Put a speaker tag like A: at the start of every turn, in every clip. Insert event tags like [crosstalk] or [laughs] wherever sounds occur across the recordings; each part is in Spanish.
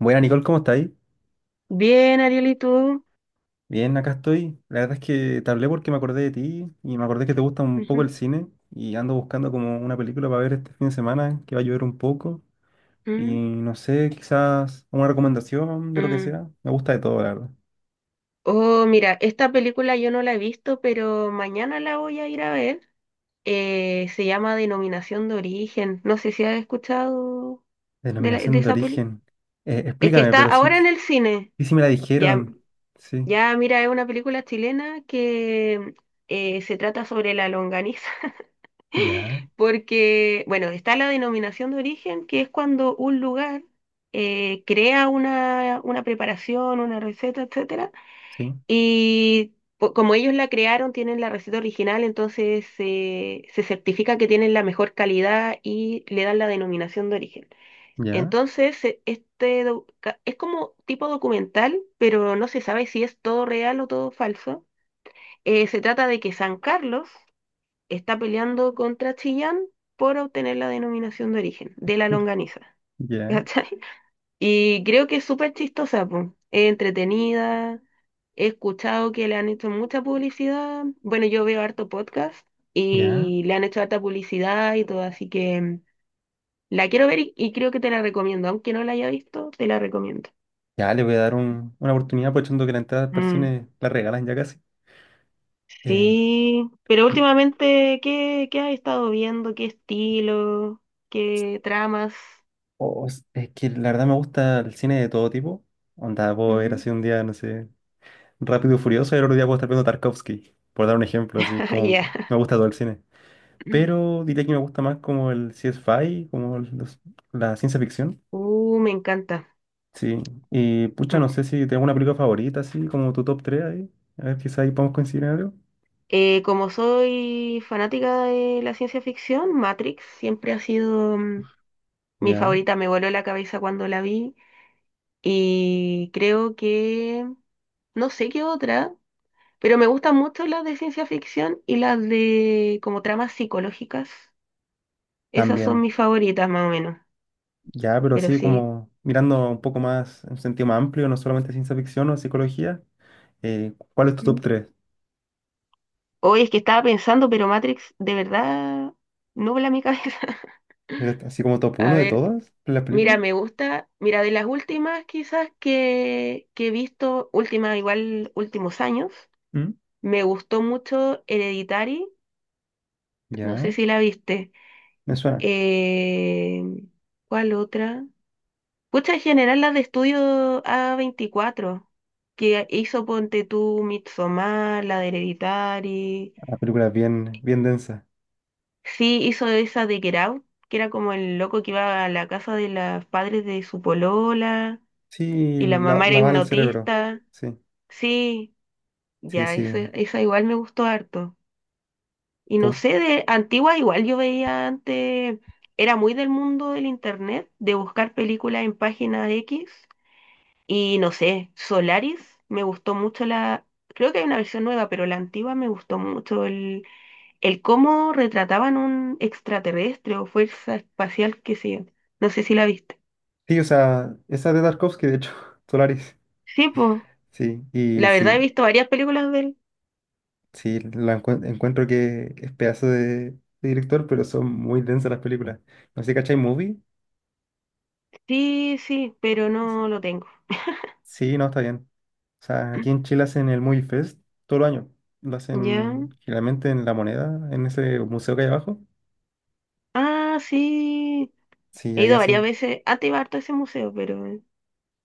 A: Buena Nicole, ¿cómo estáis?
B: Bien, Ariel, ¿y tú?
A: Bien, acá estoy. La verdad es que te hablé porque me acordé de ti y me acordé que te gusta un poco el
B: Ujú.
A: cine y ando buscando como una película para ver este fin de semana que va a llover un poco y
B: Mm.
A: no sé, quizás una recomendación de lo que
B: Mm.
A: sea. Me gusta de todo, la verdad.
B: Oh, mira, esta película yo no la he visto, pero mañana la voy a ir a ver. Se llama Denominación de Origen. No sé si has escuchado de
A: Denominación de
B: esa peli.
A: origen.
B: Es que
A: Explícame,
B: está
A: pero
B: ahora en el cine.
A: si me la
B: Ya,
A: dijeron. Sí,
B: ya, mira, es una película chilena que se trata sobre la longaniza. [laughs]
A: ya,
B: [laughs] Porque, bueno, está la denominación de origen, que es cuando un lugar crea una preparación, una receta, etcétera,
A: sí,
B: y como ellos la crearon, tienen la receta original, entonces se certifica que tienen la mejor calidad y le dan la denominación de origen.
A: ya,
B: Entonces, este es como tipo documental, pero no se sabe si es todo real o todo falso. Se trata de que San Carlos está peleando contra Chillán por obtener la denominación de origen de la longaniza. [laughs]
A: ya,
B: ¿Cachai? Y creo que es súper chistosa, po. Es entretenida. He escuchado que le han hecho mucha publicidad. Bueno, yo veo harto podcast
A: ya.
B: y le han hecho harta publicidad y todo, así que la quiero ver y creo que te la recomiendo. Aunque no la haya visto, te la recomiendo.
A: Ya, le voy a dar una oportunidad aprovechando que la entrada para el
B: Mm,
A: cine la regalan ya casi. Eh,
B: sí, pero últimamente, ¿qué has estado viendo? ¿Qué estilo? ¿Qué tramas?
A: Es que la verdad me gusta el cine de todo tipo. Onda, puedo ver
B: Ujú.
A: así un día, no sé, Rápido y Furioso y el otro día puedo estar viendo Tarkovsky, por dar un ejemplo,
B: [laughs]
A: así
B: Ah,
A: como que
B: ya.
A: me gusta todo el cine.
B: Mm.
A: Pero diría que me gusta más como el sci-fi, la ciencia ficción.
B: Me encanta.
A: Sí, y pucha,
B: Mm.
A: no sé si tengo una película favorita, así como tu top 3 ahí. A ver, quizá ahí podemos coincidir en algo.
B: Como soy fanática de la ciencia ficción, Matrix siempre ha sido mi
A: Ya,
B: favorita. Me voló la cabeza cuando la vi y creo que no sé qué otra, pero me gustan mucho las de ciencia ficción y las de como tramas psicológicas. Esas son
A: también.
B: mis favoritas más o menos,
A: Ya, pero
B: pero
A: así
B: sí.
A: como mirando un poco más en un sentido más amplio, no solamente ciencia ficción o psicología. ¿Cuál es tu top
B: Mm.
A: tres?
B: Hoy es que estaba pensando, pero Matrix de verdad no nubla mi cabeza.
A: Era
B: [laughs]
A: así como top
B: A
A: uno de
B: ver,
A: todas las
B: mira,
A: películas.
B: me gusta, mira, de las últimas quizás que he visto, últimas igual últimos años,
A: ¿Mm?
B: me gustó mucho Hereditary, no sé
A: Ya,
B: si la viste.
A: me suena.
B: Eh, ¿Cuál otra? Pucha, en general las de estudio A24, que hizo Ponte tú, Midsommar, la de Hereditary.
A: La película es bien, bien densa.
B: Sí, hizo esa de Get Out, que era como el loco que iba a la casa de los padres de su polola
A: Sí,
B: y la mamá era
A: la va en el cerebro.
B: hipnotista.
A: Sí,
B: Sí,
A: sí,
B: ya,
A: sí.
B: esa igual me gustó harto. Y
A: ¿Te
B: no
A: gust-?
B: sé, de antigua igual yo veía antes, era muy del mundo del internet, de buscar películas en página X. Y no sé, Solaris, me gustó mucho la, creo que hay una versión nueva, pero la antigua me gustó mucho el cómo retrataban un extraterrestre o fuerza espacial que sí. No sé si la viste.
A: Sí, o sea, esa de Tarkovsky, de hecho, [laughs] Solaris.
B: Sí, pues,
A: Sí, y
B: la verdad he
A: sí,
B: visto varias películas de él.
A: sí, encuentro que es pedazo de director, pero son muy densas las películas. No sé, ¿cachai Movie?
B: Sí, sí, pero no lo tengo.
A: Sí, no, está bien. O sea, aquí en
B: [clears throat]
A: Chile hacen el Movie Fest todo el año. Lo
B: ¿Ya?
A: hacen generalmente en La Moneda, en ese museo que hay abajo.
B: Ah, sí.
A: Sí,
B: He
A: ahí
B: ido varias
A: hacen.
B: veces. Ah, te iba harto a ese museo, pero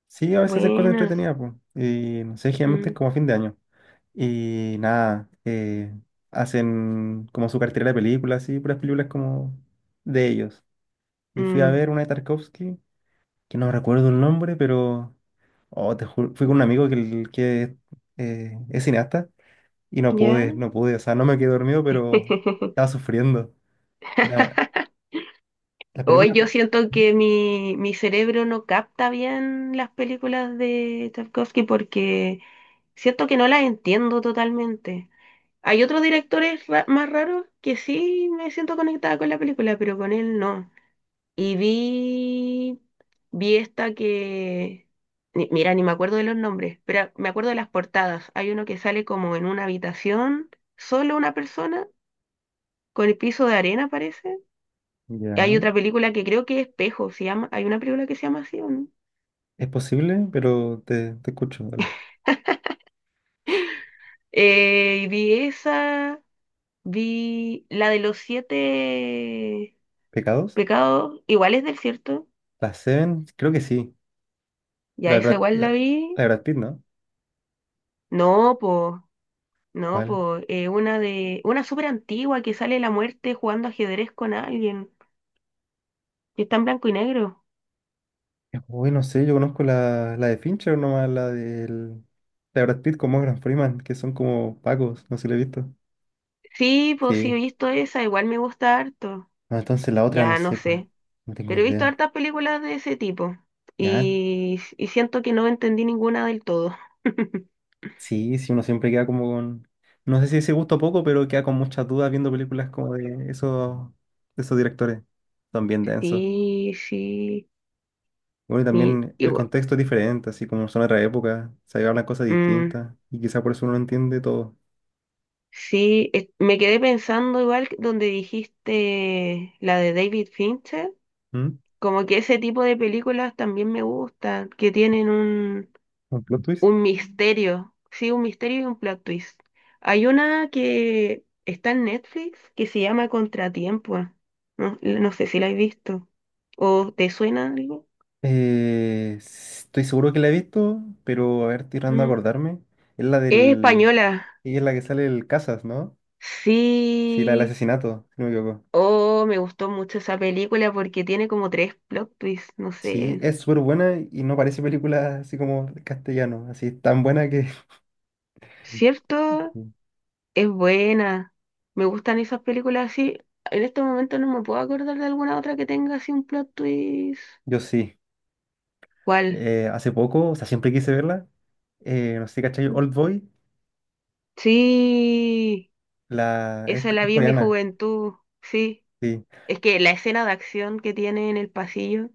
A: Sí, a veces hacen cosas
B: buena.
A: entretenidas, pues. Y no sé, generalmente es
B: Mm,
A: como a fin de año. Y nada, hacen como su cartera de películas, así, puras películas como de ellos. Y fui a
B: mm,
A: ver una de Tarkovsky, que no recuerdo el nombre, pero. Oh, te juro, fui con un amigo que es cineasta y
B: ya.
A: no pude. O sea, no me quedé dormido, pero estaba sufriendo. Era
B: [laughs]
A: la
B: Hoy
A: película.
B: yo siento que mi cerebro no capta bien las películas de Tarkovsky porque siento que no las entiendo totalmente. Hay otros directores ra- más raros que sí me siento conectada con la película, pero con él no. Y vi esta que, mira, ni me acuerdo de los nombres, pero me acuerdo de las portadas. Hay uno que sale como en una habitación, solo una persona, con el piso de arena parece. Hay
A: Ya.
B: otra película que creo que Espejo se llama, hay una película que se llama así, ¿o no?
A: Es posible, pero te escucho, dale.
B: Y vi esa, vi la de los siete
A: ¿Pecados?
B: pecados, igual es del cierto,
A: La Seven, creo que sí.
B: ya
A: La de
B: esa
A: Brad,
B: igual
A: la,
B: la
A: la
B: vi.
A: de Brad Pitt, ¿no?
B: No, pues. No,
A: ¿Cuál?
B: pues una de una súper antigua que sale la muerte jugando ajedrez con alguien que está en blanco y negro.
A: Uy, no sé, yo conozco la de Fincher nomás, la de Brad Pitt con Morgan Freeman, que son como pacos, no sé si la he visto.
B: Sí, pues sí he
A: Sí.
B: visto esa, igual me gusta harto.
A: No, entonces la otra no
B: Ya no
A: sé cuál.
B: sé,
A: No tengo
B: pero he visto
A: idea.
B: hartas películas de ese tipo
A: Ya,
B: y siento que no entendí ninguna del todo. [laughs]
A: sí, sí, uno siempre queda como con. No sé si ese gusto poco, pero queda con muchas dudas viendo películas como de esos directores. Son bien densos.
B: Sí, sí,
A: Bueno, y también el
B: igual.
A: contexto es diferente, así como son otra época, se hablan cosas
B: Mm,
A: distintas y quizá por eso uno no entiende todo.
B: sí, me quedé pensando igual que donde dijiste la de David Fincher.
A: ¿Mm?
B: Como que ese tipo de películas también me gustan, que tienen un,
A: ¿Un plot twist?
B: un misterio, sí, un misterio y un plot twist. Hay una que está en Netflix que se llama Contratiempo. No, no sé si la has visto. ¿O te suena algo?
A: Estoy seguro que la he visto, pero a ver, estoy tratando de
B: Mm.
A: acordarme. Es la
B: Es
A: del...
B: española.
A: Ella es la que sale el Casas, ¿no? Sí, la del
B: Sí.
A: asesinato, si no me equivoco.
B: Oh, me gustó mucho esa película porque tiene como tres plot twists, no
A: Sí,
B: sé.
A: es súper buena y no parece película así como de castellano, así tan buena que [laughs]
B: ¿Cierto?
A: Mm.
B: Es buena. Me gustan esas películas así. En este momento no me puedo acordar de alguna otra que tenga así un plot twist.
A: Yo sí.
B: ¿Cuál?
A: Hace poco, o sea, siempre quise verla. No sé, ¿cachai?
B: Mm.
A: Old Boy,
B: Sí,
A: la... es
B: esa la
A: es
B: vi en mi
A: coreana.
B: juventud. Sí.
A: Sí,
B: Es que la escena de acción que tiene en el pasillo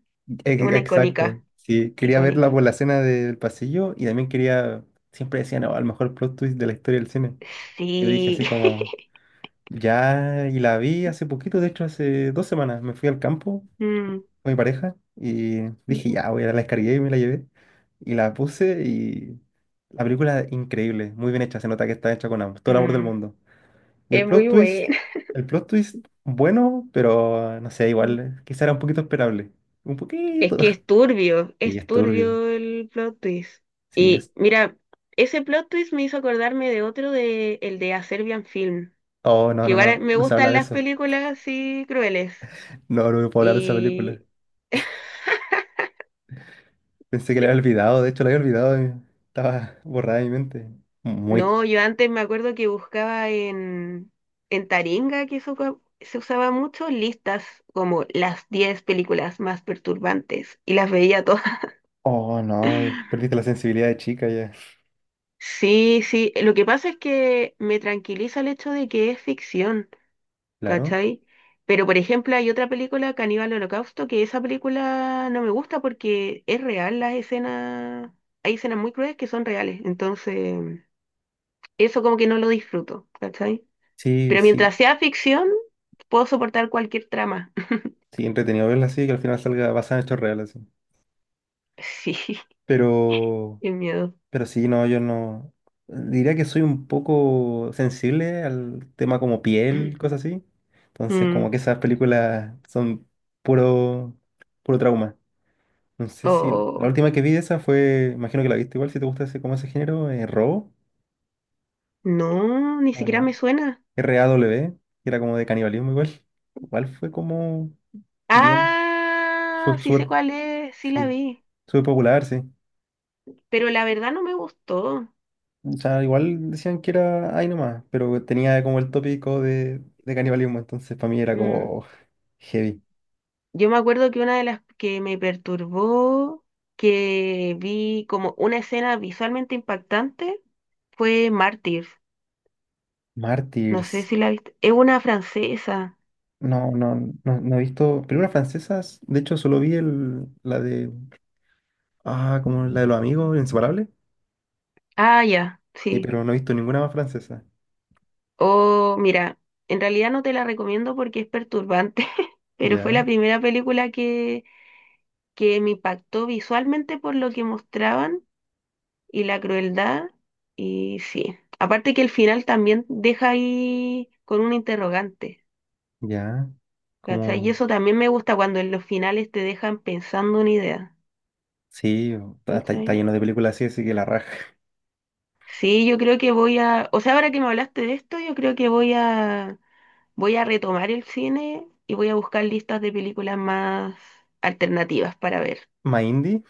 B: es una
A: exacto.
B: icónica.
A: Sí, quería verla
B: Icónica.
A: por la escena del pasillo y también quería, siempre decían, no, al mejor plot twist de la historia del cine. Yo dije
B: Sí.
A: así como,
B: [laughs]
A: ya, y la vi hace poquito, de hecho hace dos semanas, me fui al campo
B: Mm,
A: con mi pareja y dije,
B: mm,
A: ya, voy a la descargué y me la llevé. Y la puse y la película es increíble, muy bien hecha, se nota que está hecha con todo el amor del
B: mm.
A: mundo. Y el
B: Es
A: plot
B: muy
A: twist,
B: buena.
A: el plot twist, bueno, pero no sé, igual, quizá era un poquito esperable. Un
B: Es
A: poquito.
B: que
A: Sí,
B: es
A: es turbio.
B: turbio el plot twist.
A: Sí, es.
B: Y mira, ese plot twist me hizo acordarme de otro de el de A Serbian Film,
A: Oh, no,
B: que
A: no,
B: igual
A: no,
B: me
A: no se habla
B: gustan
A: de
B: las
A: eso.
B: películas así crueles.
A: No, no puedo hablar de esa película.
B: Y
A: Pensé que la había olvidado, de hecho la había olvidado. Estaba borrada de mi mente. Muy.
B: no, yo antes me acuerdo que buscaba en Taringa, que eso se usaba mucho, listas como las 10 películas más perturbantes y las veía todas.
A: Oh, no,
B: [laughs]
A: perdiste la sensibilidad de chica ya.
B: Sí, sí, lo que pasa es que me tranquiliza el hecho de que es ficción.
A: Claro.
B: ¿Cachai? Pero, por ejemplo, hay otra película, Caníbal Holocausto, que esa película no me gusta porque es real las escenas, hay escenas muy crueles que son reales, entonces eso como que no lo disfruto, ¿cachai?
A: Sí,
B: Pero
A: sí.
B: mientras sea ficción, puedo soportar cualquier trama. [laughs]
A: Sí, entretenido verla así, que al final salga basada en hechos reales. Así.
B: Sí,
A: Pero.
B: qué miedo.
A: Pero sí, no, yo no. Diría que soy un poco sensible al tema como piel,
B: [clears throat]
A: cosas así. Entonces,
B: Mm,
A: como que esas películas son puro, puro trauma. No sé si la
B: oh,
A: última que vi de esa fue, imagino que la viste igual, si te gusta ese, como ese género, Robo,
B: no, ni
A: o
B: siquiera
A: la
B: me suena.
A: r RAW, que era como de canibalismo igual. Igual fue como bien,
B: Ah, sí sé
A: súper,
B: cuál es, sí la
A: sí,
B: vi,
A: súper popular, sí.
B: pero la verdad no me gustó.
A: O sea, igual decían que era ahí nomás, pero tenía como el tópico de canibalismo, entonces para mí era
B: Mm,
A: como heavy.
B: Yo me acuerdo que una de las que me perturbó, que vi como una escena visualmente impactante, fue Mártir. No sé
A: Martyrs.
B: si la viste. Es una francesa.
A: No, no, no, no he visto películas francesas. De hecho, solo vi ah, como la de los amigos, Inseparables.
B: Ah, ya,
A: Sí,
B: sí.
A: pero no he visto ninguna más francesa.
B: Oh, mira, en realidad no te la recomiendo porque es perturbante, [laughs] pero fue
A: Ya,
B: la primera película que me impactó visualmente por lo que mostraban y la crueldad. Y sí, aparte que el final también deja ahí con un interrogante.
A: ya.
B: ¿Cachai? Y
A: Como,
B: eso también me gusta cuando en los finales te dejan pensando una idea.
A: sí, está
B: ¿Cachai?
A: lleno de películas así, así que la raja.
B: Sí, yo creo que voy a, o sea, ahora que me hablaste de esto, yo creo que voy a retomar el cine y voy a buscar listas de películas más alternativas para ver.
A: [laughs] ¿Más indie?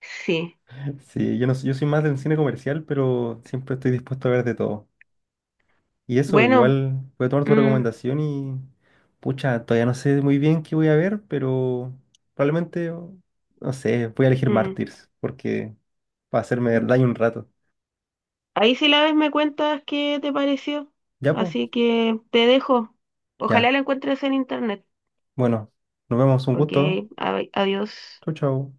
B: Sí.
A: Sí, yo, no, yo soy más del cine comercial, pero siempre estoy dispuesto a ver de todo. Y eso,
B: Bueno,
A: igual voy a tomar tu
B: mm,
A: recomendación y, pucha, todavía no sé muy bien qué voy a ver, pero probablemente, o- no sé, voy a elegir
B: mm,
A: Mártires, porque va a hacerme
B: mm.
A: daño un rato.
B: Ahí, si la ves, me cuentas qué te pareció.
A: Ya, pues,
B: Así que te dejo.
A: ya.
B: Ojalá la encuentres en internet.
A: Bueno, nos vemos, un
B: Ok,
A: gusto.
B: adiós.
A: Chau, chau.